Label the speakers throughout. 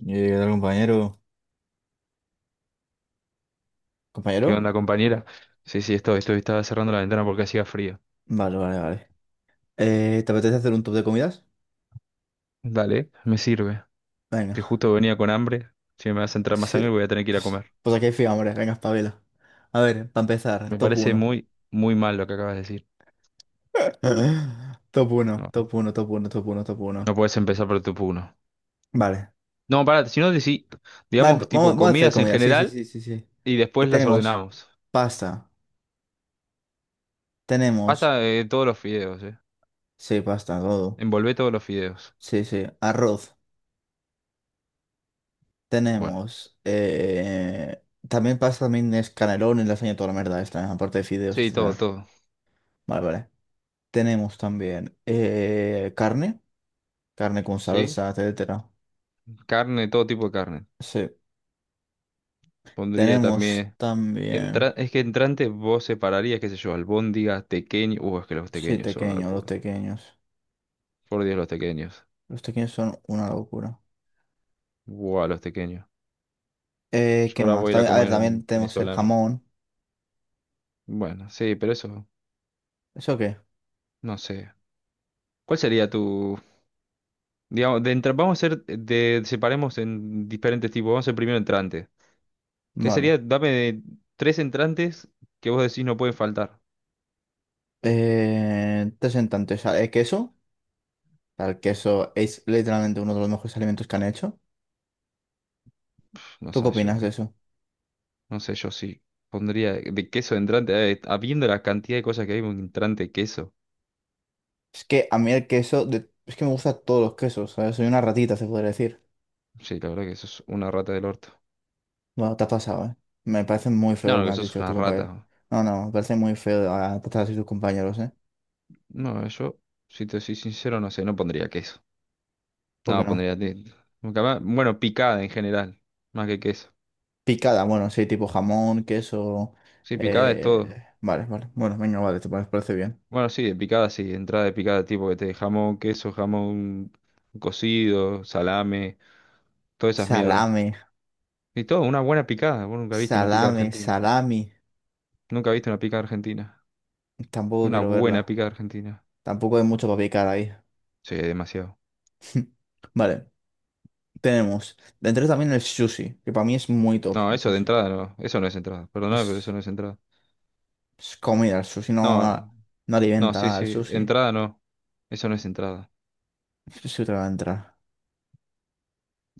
Speaker 1: Yo llegué al compañero.
Speaker 2: ¿Qué
Speaker 1: ¿Compañero?
Speaker 2: onda, compañera? Sí, sí, estaba cerrando la ventana porque hacía frío.
Speaker 1: Vale, vale, vale. ¿Te apetece hacer un top de comidas?
Speaker 2: Dale, me sirve. Que
Speaker 1: Venga.
Speaker 2: justo venía con hambre. Si me vas a entrar más
Speaker 1: Sí.
Speaker 2: hambre voy a tener que ir a
Speaker 1: Pues,
Speaker 2: comer.
Speaker 1: pues aquí hay fiambres, venga, espabila. A ver, para empezar,
Speaker 2: Me
Speaker 1: top
Speaker 2: parece
Speaker 1: uno.
Speaker 2: muy, muy mal lo que acabas de decir.
Speaker 1: Top uno, top
Speaker 2: No,
Speaker 1: uno, top uno, top uno, top uno.
Speaker 2: no puedes empezar por tu puno.
Speaker 1: Vale.
Speaker 2: No, pará, si no, decí,
Speaker 1: Vale,
Speaker 2: digamos,
Speaker 1: vamos,
Speaker 2: tipo
Speaker 1: vamos a hacer
Speaker 2: comidas en
Speaker 1: comida. Sí, sí,
Speaker 2: general
Speaker 1: sí, sí, sí.
Speaker 2: y después las
Speaker 1: Tenemos
Speaker 2: ordenamos.
Speaker 1: pasta. Tenemos.
Speaker 2: Hasta todos los fideos, ¿eh?
Speaker 1: Sí, pasta, todo.
Speaker 2: Envolvé todos los fideos.
Speaker 1: Sí, sí. Arroz.
Speaker 2: Bueno,
Speaker 1: Tenemos. También pasta, también es canelones, lasaña, toda la mierda esta, aparte de fideos,
Speaker 2: sí, todo,
Speaker 1: etcétera.
Speaker 2: todo.
Speaker 1: Vale, vale. Tenemos también carne, carne con
Speaker 2: ¿Sí?
Speaker 1: salsa, etcétera.
Speaker 2: Carne, todo tipo de carne.
Speaker 1: Sí.
Speaker 2: Pondría
Speaker 1: Tenemos
Speaker 2: también.
Speaker 1: también,
Speaker 2: Es que entrante vos separarías, qué sé yo, albóndigas, tequeños. Es que los
Speaker 1: sí,
Speaker 2: tequeños son una
Speaker 1: tequeños, los
Speaker 2: locura.
Speaker 1: tequeños.
Speaker 2: Por Dios, los tequeños.
Speaker 1: Los tequeños son una locura.
Speaker 2: Buah, los tequeños. Yo
Speaker 1: ¿Qué
Speaker 2: ahora
Speaker 1: más?
Speaker 2: voy a ir a
Speaker 1: También, a ver,
Speaker 2: comer
Speaker 1: también
Speaker 2: un
Speaker 1: tenemos el
Speaker 2: venezolano.
Speaker 1: jamón.
Speaker 2: Bueno, sí, pero eso,
Speaker 1: ¿Eso qué?
Speaker 2: no sé. ¿Cuál sería tu, digamos, de vamos a hacer, de, separemos en diferentes tipos. Vamos a hacer primero entrante. ¿Qué
Speaker 1: Vale.
Speaker 2: sería? Dame de tres entrantes que vos decís no pueden faltar.
Speaker 1: Tres en tanto, o sea, el queso. O sea, el queso es literalmente uno de los mejores alimentos que han hecho.
Speaker 2: No
Speaker 1: ¿Tú qué
Speaker 2: sé yo,
Speaker 1: opinas de
Speaker 2: eh.
Speaker 1: eso?
Speaker 2: No sé, yo sí. Pondría de queso de entrante, habiendo la cantidad de cosas que hay, un entrante de queso.
Speaker 1: Es que a mí el queso, es que me gustan todos los quesos, ¿sabes? Soy una ratita, se podría decir.
Speaker 2: Sí, la verdad que sos una rata del orto.
Speaker 1: Bueno, te has pasado, ¿eh? Me parece muy
Speaker 2: No,
Speaker 1: feo lo que
Speaker 2: no,
Speaker 1: me
Speaker 2: que
Speaker 1: has
Speaker 2: sos
Speaker 1: dicho de
Speaker 2: una
Speaker 1: tu
Speaker 2: rata.
Speaker 1: compañero. No, no, me parece muy feo tratar así a tus compañeros, ¿eh?
Speaker 2: No, yo, si te soy sincero, no sé, no pondría queso.
Speaker 1: ¿Por qué
Speaker 2: No,
Speaker 1: no?
Speaker 2: pondría... Bueno, picada en general, más que queso.
Speaker 1: Picada, bueno, sí, tipo jamón, queso.
Speaker 2: Sí, picada es
Speaker 1: eh,
Speaker 2: todo.
Speaker 1: Vale, vale. Bueno, venga, vale, parece bien.
Speaker 2: Bueno, sí, de picada sí, entrada de picada, tipo que te jamón, queso, jamón cocido, salame, todas esas mierdas.
Speaker 1: Salame,
Speaker 2: Y todo, una buena picada. Vos nunca viste una picada
Speaker 1: salame,
Speaker 2: argentina.
Speaker 1: salami.
Speaker 2: Nunca viste una picada argentina.
Speaker 1: Tampoco
Speaker 2: Una
Speaker 1: quiero
Speaker 2: buena
Speaker 1: verla.
Speaker 2: picada argentina.
Speaker 1: Tampoco hay mucho para picar ahí.
Speaker 2: Sí, demasiado.
Speaker 1: Vale, tenemos. Dentro también el sushi, que para mí es muy top
Speaker 2: No,
Speaker 1: el
Speaker 2: eso de
Speaker 1: sushi.
Speaker 2: entrada no, eso no es entrada. Perdóname, pero eso
Speaker 1: Es,
Speaker 2: no es entrada.
Speaker 1: es comida, el sushi no,
Speaker 2: No, no.
Speaker 1: no
Speaker 2: No,
Speaker 1: alimenta
Speaker 2: sí,
Speaker 1: nada, el
Speaker 2: sí.
Speaker 1: sushi.
Speaker 2: Entrada no. Eso no es entrada.
Speaker 1: El sushi te va a entrar.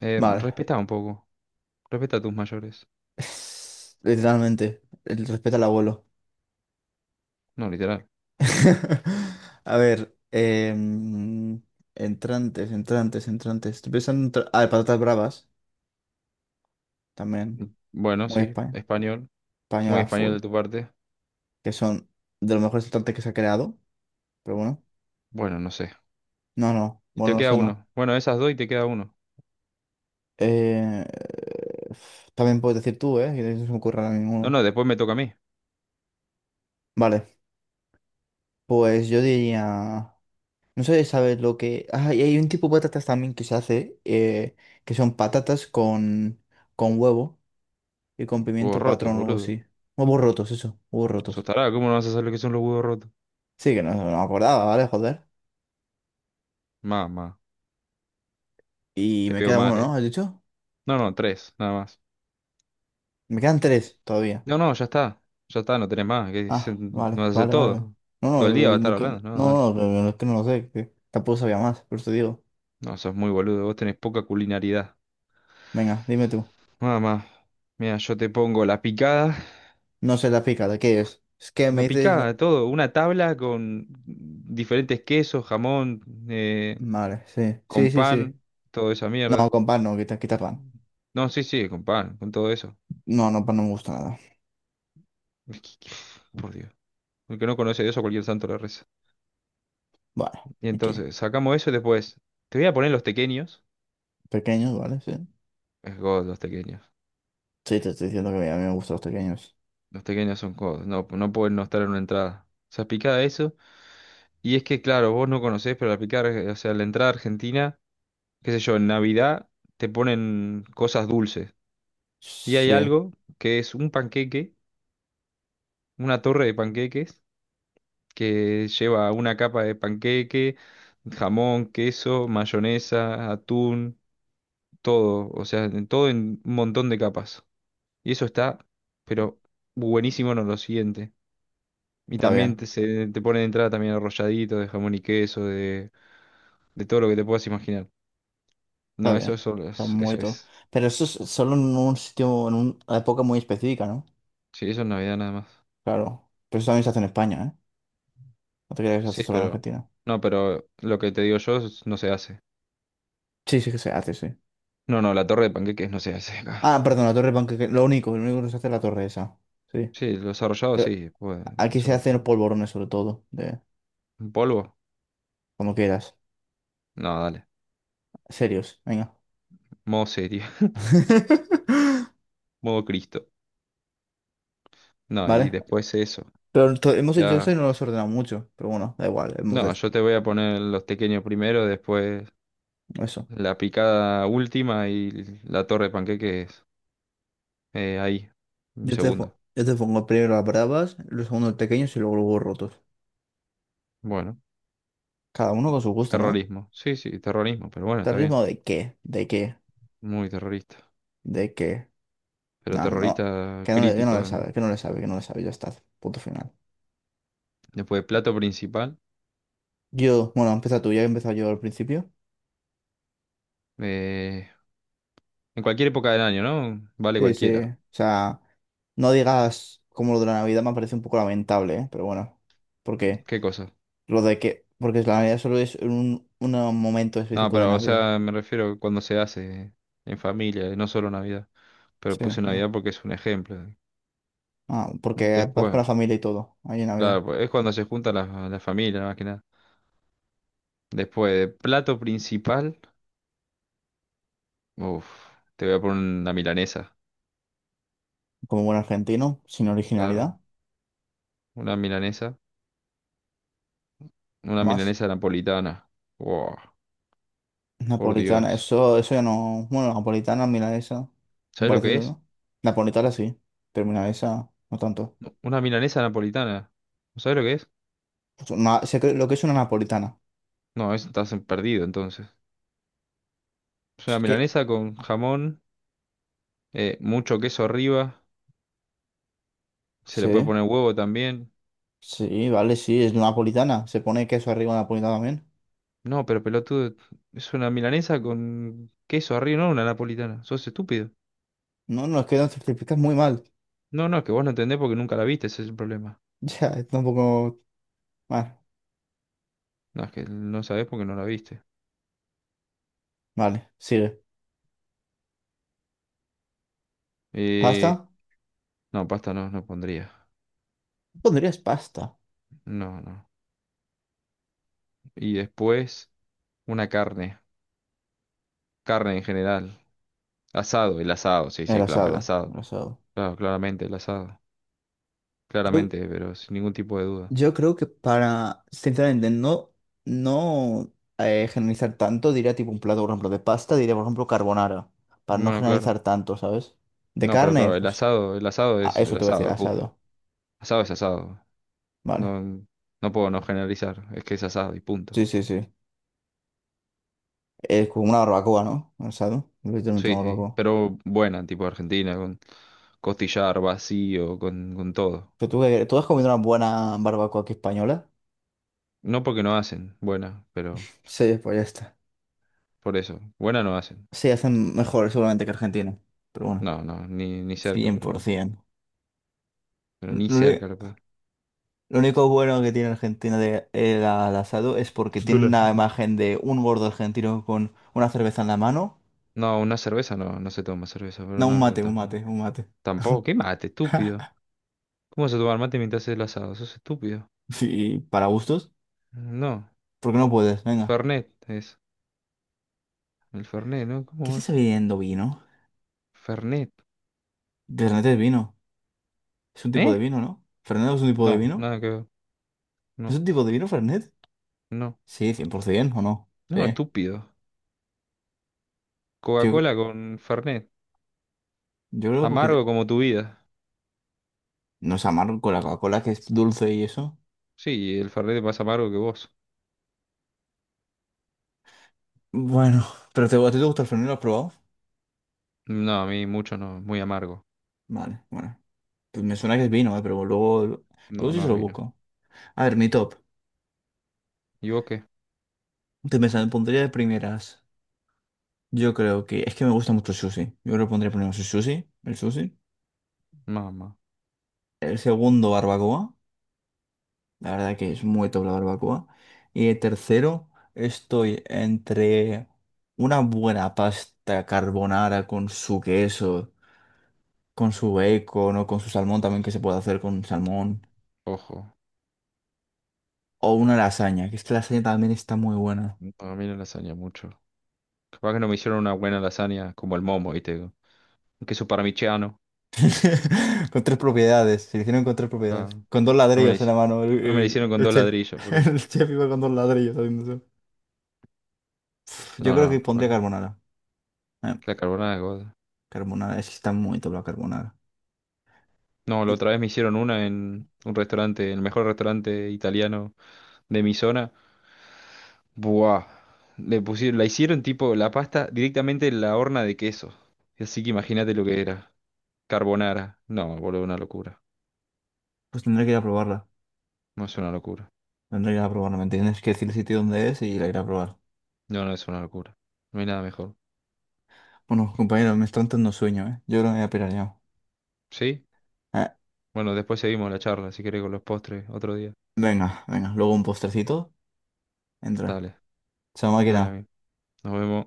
Speaker 1: Vale.
Speaker 2: Respeta un poco. Respeta a tus mayores.
Speaker 1: Literalmente, el respeto al abuelo.
Speaker 2: No, literal.
Speaker 1: A ver, entrantes, entrantes, entrantes. Estoy pensando en... Ah, de patatas bravas, también.
Speaker 2: Bueno,
Speaker 1: Muy
Speaker 2: sí.
Speaker 1: espa-
Speaker 2: Español. Muy
Speaker 1: Española
Speaker 2: español
Speaker 1: full.
Speaker 2: de tu parte.
Speaker 1: Que son de los mejores entrantes que se ha creado. Pero bueno.
Speaker 2: Bueno, no sé.
Speaker 1: No, no.
Speaker 2: Y
Speaker 1: Bueno,
Speaker 2: te
Speaker 1: no
Speaker 2: queda
Speaker 1: sé, no.
Speaker 2: uno. Bueno, esas dos y te queda uno.
Speaker 1: Eh, también puedes decir tú, ¿eh? Que no se me ocurre ahora
Speaker 2: No,
Speaker 1: ninguno.
Speaker 2: no, después me toca a mí.
Speaker 1: Vale, pues yo diría... No sé, si ¿sabes lo que...? Ah, y hay un tipo de patatas también que se hace, que son patatas con huevo y con
Speaker 2: Huevos
Speaker 1: pimiento
Speaker 2: rotos,
Speaker 1: patrón o algo
Speaker 2: boludo.
Speaker 1: así. Huevos rotos, eso, huevos
Speaker 2: Sos
Speaker 1: rotos.
Speaker 2: tarado, ¿cómo no vas a saber lo que son los huevos rotos?
Speaker 1: Sí, que no, no me acordaba, ¿vale? Joder.
Speaker 2: Mamá,
Speaker 1: Y
Speaker 2: te
Speaker 1: me
Speaker 2: veo
Speaker 1: queda uno,
Speaker 2: mal,
Speaker 1: ¿no?
Speaker 2: ¿eh?
Speaker 1: ¿Has dicho?
Speaker 2: No, no, tres, nada más.
Speaker 1: Me quedan tres todavía.
Speaker 2: No, no, ya está. Ya está, no tenés más.
Speaker 1: Ah, vale,
Speaker 2: No hace
Speaker 1: vale, vale.
Speaker 2: todo.
Speaker 1: No,
Speaker 2: Todo el día
Speaker 1: no,
Speaker 2: va a estar
Speaker 1: no,
Speaker 2: hablando. No, dale.
Speaker 1: no, no, no, no, es que no lo sé, que tampoco sabía más, por eso digo.
Speaker 2: No, sos muy boludo. Vos tenés poca culinaridad.
Speaker 1: Venga, dime tú.
Speaker 2: Mamá, mira, yo te pongo
Speaker 1: No sé la pica, ¿de qué es? Es que me
Speaker 2: la
Speaker 1: dices...
Speaker 2: picada de todo, una tabla con diferentes quesos, jamón, eh,
Speaker 1: Vale, sí,
Speaker 2: con
Speaker 1: sí, sí, sí.
Speaker 2: pan, toda esa
Speaker 1: No,
Speaker 2: mierda.
Speaker 1: con pan no, quita, quita pan.
Speaker 2: No, sí, sí, con pan, con todo eso.
Speaker 1: No, no, pan no me gusta nada.
Speaker 2: Por Dios. El que no conoce a Dios a cualquier santo le reza.
Speaker 1: Vale,
Speaker 2: Y
Speaker 1: aquí.
Speaker 2: entonces, sacamos eso y después, te voy a poner los tequeños.
Speaker 1: Pequeños, ¿vale? Sí.
Speaker 2: Es God, los tequeños.
Speaker 1: Sí, te estoy diciendo que a mí me gustan los pequeños.
Speaker 2: Los tequeños son God, no, no pueden no estar en una entrada. O sea, picada eso. Y es que, claro, vos no conocés, pero la picada, o sea, la entrada argentina. Qué sé yo, en Navidad te ponen cosas dulces. Y hay
Speaker 1: Sí,
Speaker 2: algo que es un panqueque, una torre de panqueques, que lleva una capa de panqueque, jamón, queso, mayonesa, atún, todo. O sea, todo en un montón de capas. Y eso está, pero buenísimo en lo siguiente. Y
Speaker 1: está
Speaker 2: también
Speaker 1: bien,
Speaker 2: te ponen de entrada también arrolladito de jamón y queso, de todo lo que te puedas imaginar.
Speaker 1: está
Speaker 2: No, eso,
Speaker 1: bien.
Speaker 2: eso,
Speaker 1: Está muy
Speaker 2: eso
Speaker 1: todo.
Speaker 2: es.
Speaker 1: Pero eso es solo en un sitio, en una época muy específica, ¿no?
Speaker 2: Sí, eso es Navidad nada más.
Speaker 1: Claro. Pero eso también se hace en España, ¿eh? No te creas que se hace
Speaker 2: Sí,
Speaker 1: solo en
Speaker 2: pero...
Speaker 1: Argentina.
Speaker 2: No, pero lo que te digo yo no se hace.
Speaker 1: Sí, sí que se hace, sí.
Speaker 2: No, no, la torre de panqueques no se hace acá.
Speaker 1: Ah, perdón, la torre panqueque. Lo único que se hace es la torre esa. Sí.
Speaker 2: Sí, los arrollados
Speaker 1: Pero
Speaker 2: sí, pues
Speaker 1: aquí se
Speaker 2: eso.
Speaker 1: hacen los polvorones, sobre todo. De,
Speaker 2: ¿Un polvo?
Speaker 1: como quieras.
Speaker 2: No, dale.
Speaker 1: Serios, venga.
Speaker 2: Modo serio, modo Cristo. No, y
Speaker 1: Vale.
Speaker 2: después eso.
Speaker 1: Pero hemos hecho
Speaker 2: Ya...
Speaker 1: eso y no lo hemos ordenado mucho. Pero bueno, da igual. Hemos.
Speaker 2: No, yo te voy a poner los pequeños primero, después
Speaker 1: Eso.
Speaker 2: la picada última y la torre de panqueques ahí. Un
Speaker 1: Yo te,
Speaker 2: segundo.
Speaker 1: yo te pongo primero las bravas, los segundos pequeños y luego los huevos rotos.
Speaker 2: Bueno,
Speaker 1: Cada uno con su gusto, ¿no?
Speaker 2: terrorismo. Sí, sí, terrorismo, pero bueno, está bien.
Speaker 1: ¿Terrorismo de qué? ¿De qué?
Speaker 2: Muy terrorista.
Speaker 1: ¿De qué?
Speaker 2: Pero
Speaker 1: No, no.
Speaker 2: terrorista
Speaker 1: Que no
Speaker 2: crítico
Speaker 1: le
Speaker 2: además.
Speaker 1: sabe, que no le sabe, que no le sabe. Ya está. Punto final.
Speaker 2: Después, plato principal.
Speaker 1: Yo, bueno, empieza tú, ya he empezado yo al principio.
Speaker 2: Eh, en cualquier época del año, ¿no? Vale
Speaker 1: Sí, sí.
Speaker 2: cualquiera.
Speaker 1: O sea, no digas, como lo de la Navidad me parece un poco lamentable, ¿eh? Pero bueno. Porque
Speaker 2: ¿Qué cosa?
Speaker 1: lo de que. Porque la Navidad solo es un momento
Speaker 2: No,
Speaker 1: específico de
Speaker 2: pero, o
Speaker 1: Navidad.
Speaker 2: sea, me refiero cuando se hace en familia, no solo Navidad. Pero
Speaker 1: Sí,
Speaker 2: puse
Speaker 1: no.
Speaker 2: Navidad porque es un ejemplo.
Speaker 1: Ah, porque vas con
Speaker 2: Después,
Speaker 1: la familia y todo, ahí en Navidad.
Speaker 2: claro, pues, es cuando se juntan las la familias, más que nada. Después, de plato principal, uff, te voy a poner una milanesa.
Speaker 1: Como buen argentino, sin originalidad.
Speaker 2: Claro, una milanesa.
Speaker 1: ¿Qué
Speaker 2: Una
Speaker 1: más?
Speaker 2: milanesa napolitana. Wow, por
Speaker 1: Napolitana,
Speaker 2: Dios.
Speaker 1: eso ya no. Bueno, napolitana, milanesa,
Speaker 2: ¿Sabes lo que
Speaker 1: pareciendo
Speaker 2: es?
Speaker 1: ¿no? Napolitana sí, pero milanesa no tanto.
Speaker 2: No, una milanesa napolitana. ¿No sabes lo que es?
Speaker 1: Lo que es una napolitana.
Speaker 2: No, eso estás perdido entonces. Es
Speaker 1: Es
Speaker 2: una
Speaker 1: que,
Speaker 2: milanesa con jamón, mucho queso arriba, se le puede
Speaker 1: sí,
Speaker 2: poner huevo también.
Speaker 1: sí, vale, sí, es napolitana. Se pone queso arriba de napolitana también.
Speaker 2: No, pero pelotudo, es una milanesa con queso arriba, no una napolitana. Sos estúpido.
Speaker 1: No, no, es que lo certificas muy mal.
Speaker 2: No, no, es que vos no entendés porque nunca la viste, ese es el problema.
Speaker 1: Ya, tampoco. Vale,
Speaker 2: No, es que no sabés porque no la viste.
Speaker 1: vale, sigue.
Speaker 2: Eh,
Speaker 1: ¿Pasta?
Speaker 2: no, pasta no, no pondría.
Speaker 1: ¿Pondrías pasta?
Speaker 2: No, no. Y después, una carne. Carne en general. Asado, el asado, sí,
Speaker 1: El
Speaker 2: sí, claro, el
Speaker 1: asado,
Speaker 2: asado.
Speaker 1: el asado.
Speaker 2: Claro, claramente el asado.
Speaker 1: Yo,
Speaker 2: Claramente, pero sin ningún tipo de duda.
Speaker 1: Yo creo que para, sinceramente, no, no generalizar tanto, diría tipo un plato, por ejemplo, de pasta, diría, por ejemplo, carbonara, para no
Speaker 2: Bueno, claro.
Speaker 1: generalizar tanto, ¿sabes? De
Speaker 2: No, pero claro,
Speaker 1: carne, pues,
Speaker 2: el asado es el
Speaker 1: eso te voy a decir,
Speaker 2: asado, punto.
Speaker 1: asado,
Speaker 2: Asado es asado.
Speaker 1: vale.
Speaker 2: No, no puedo no generalizar, es que es asado y punto.
Speaker 1: Sí, sí, sí. Es como una barbacoa, ¿no? Asado, literalmente
Speaker 2: Sí,
Speaker 1: una
Speaker 2: sí,
Speaker 1: barbacoa.
Speaker 2: pero buena, tipo Argentina, con costillar vacío, con todo.
Speaker 1: Pero tú, ¿tú has comido una buena barbacoa aquí española?
Speaker 2: No porque no hacen, buena, pero
Speaker 1: Sí, pues ya está.
Speaker 2: por eso, buena no hacen.
Speaker 1: Sí, hacen mejor seguramente que Argentina, pero bueno,
Speaker 2: No, no, ni, ni cerca, pero bueno.
Speaker 1: 100%.
Speaker 2: Pero ni cerca lo peor.
Speaker 1: Lo único bueno que tiene Argentina de el al asado es porque tienen
Speaker 2: Dula.
Speaker 1: la imagen de un gordo argentino con una cerveza en la mano.
Speaker 2: No, una cerveza no, no se toma cerveza, pero
Speaker 1: No, un
Speaker 2: no, pero
Speaker 1: mate, un
Speaker 2: estás
Speaker 1: mate,
Speaker 2: mal.
Speaker 1: un mate.
Speaker 2: Tampoco, qué mate, estúpido. ¿Cómo vas a tomar mate mientras haces el asado? Sos estúpido.
Speaker 1: Sí, para gustos.
Speaker 2: No,
Speaker 1: ¿Por qué no puedes? Venga.
Speaker 2: Fernet es. El Fernet, ¿no?
Speaker 1: ¿Qué
Speaker 2: ¿Cómo
Speaker 1: se está
Speaker 2: vas?
Speaker 1: bebiendo vino?
Speaker 2: Fernet.
Speaker 1: De Fernet es vino. Es un tipo de
Speaker 2: ¿Eh?
Speaker 1: vino, ¿no? ¿Fernet no es un tipo de
Speaker 2: No,
Speaker 1: vino?
Speaker 2: nada que ver.
Speaker 1: ¿Es
Speaker 2: No,
Speaker 1: un tipo de vino, Fernet?
Speaker 2: no.
Speaker 1: Sí, 100%, ¿o no?
Speaker 2: No,
Speaker 1: Sí.
Speaker 2: estúpido.
Speaker 1: Yo,
Speaker 2: Coca-Cola con Fernet.
Speaker 1: yo creo que
Speaker 2: Amargo como tu vida.
Speaker 1: no es amargo con la Coca-Cola, que es dulce y eso.
Speaker 2: Sí, el Fernet es más amargo que vos.
Speaker 1: Bueno, pero te, ¿a ti te gusta el Fernet? ¿Lo has probado?
Speaker 2: No, a mí mucho no, muy amargo.
Speaker 1: Vale, bueno. Pues me suena que es vino, pero luego,
Speaker 2: No,
Speaker 1: luego sí
Speaker 2: no
Speaker 1: se
Speaker 2: es
Speaker 1: lo
Speaker 2: vino.
Speaker 1: busco. A ver, mi top.
Speaker 2: ¿Y vos qué?
Speaker 1: Te pensando, pondría de primeras. Yo creo que es que me gusta mucho el sushi. Yo creo que pondría primero sushi.
Speaker 2: Mamá,
Speaker 1: El segundo, barbacoa. La verdad que es muy top la barbacoa. Y el tercero, estoy entre una buena pasta carbonara con su queso, con su bacon o con su salmón también que se puede hacer con salmón.
Speaker 2: ojo.
Speaker 1: O una lasaña, que es que la lasaña también está muy buena.
Speaker 2: No, a mí la lasaña mucho. Capaz que no me hicieron una buena lasaña como el momo, ¿viste? Un queso parmigiano.
Speaker 1: Con tres propiedades, se le hicieron con tres propiedades.
Speaker 2: Ah,
Speaker 1: Con dos
Speaker 2: no me la
Speaker 1: ladrillos en
Speaker 2: hice-
Speaker 1: la mano,
Speaker 2: no me la hicieron con
Speaker 1: el
Speaker 2: dos
Speaker 1: chef.
Speaker 2: ladrillos, por eso.
Speaker 1: El chef iba con dos ladrillos haciendo eso. Yo
Speaker 2: No,
Speaker 1: creo que
Speaker 2: no,
Speaker 1: pondría
Speaker 2: capaz
Speaker 1: carbonara. Eh,
Speaker 2: que la carbonara,
Speaker 1: carbonara, es que está muy top la carbonara.
Speaker 2: no, la
Speaker 1: Y
Speaker 2: otra vez me hicieron una en un restaurante, el mejor restaurante italiano de mi zona. Buah. Le pusieron, la hicieron tipo la pasta directamente en la horna de queso. Así que imagínate lo que era. Carbonara. No, boludo, una locura.
Speaker 1: pues tendré que ir a probarla.
Speaker 2: No es una locura.
Speaker 1: Tendré que ir a probarla, ¿me entiendes? Que decir el sitio donde es y la iré a probar.
Speaker 2: No, no es una locura. No hay nada mejor.
Speaker 1: Bueno, compañeros, me está entrando sueño, ¿eh? Yo creo que me voy a pirar ya.
Speaker 2: ¿Sí?
Speaker 1: Eh,
Speaker 2: Bueno, después seguimos la charla, si querés, con los postres, otro día.
Speaker 1: venga, venga, luego un postrecito. Entra.
Speaker 2: Dale,
Speaker 1: Chao,
Speaker 2: dale a
Speaker 1: máquina.
Speaker 2: mí. Nos vemos.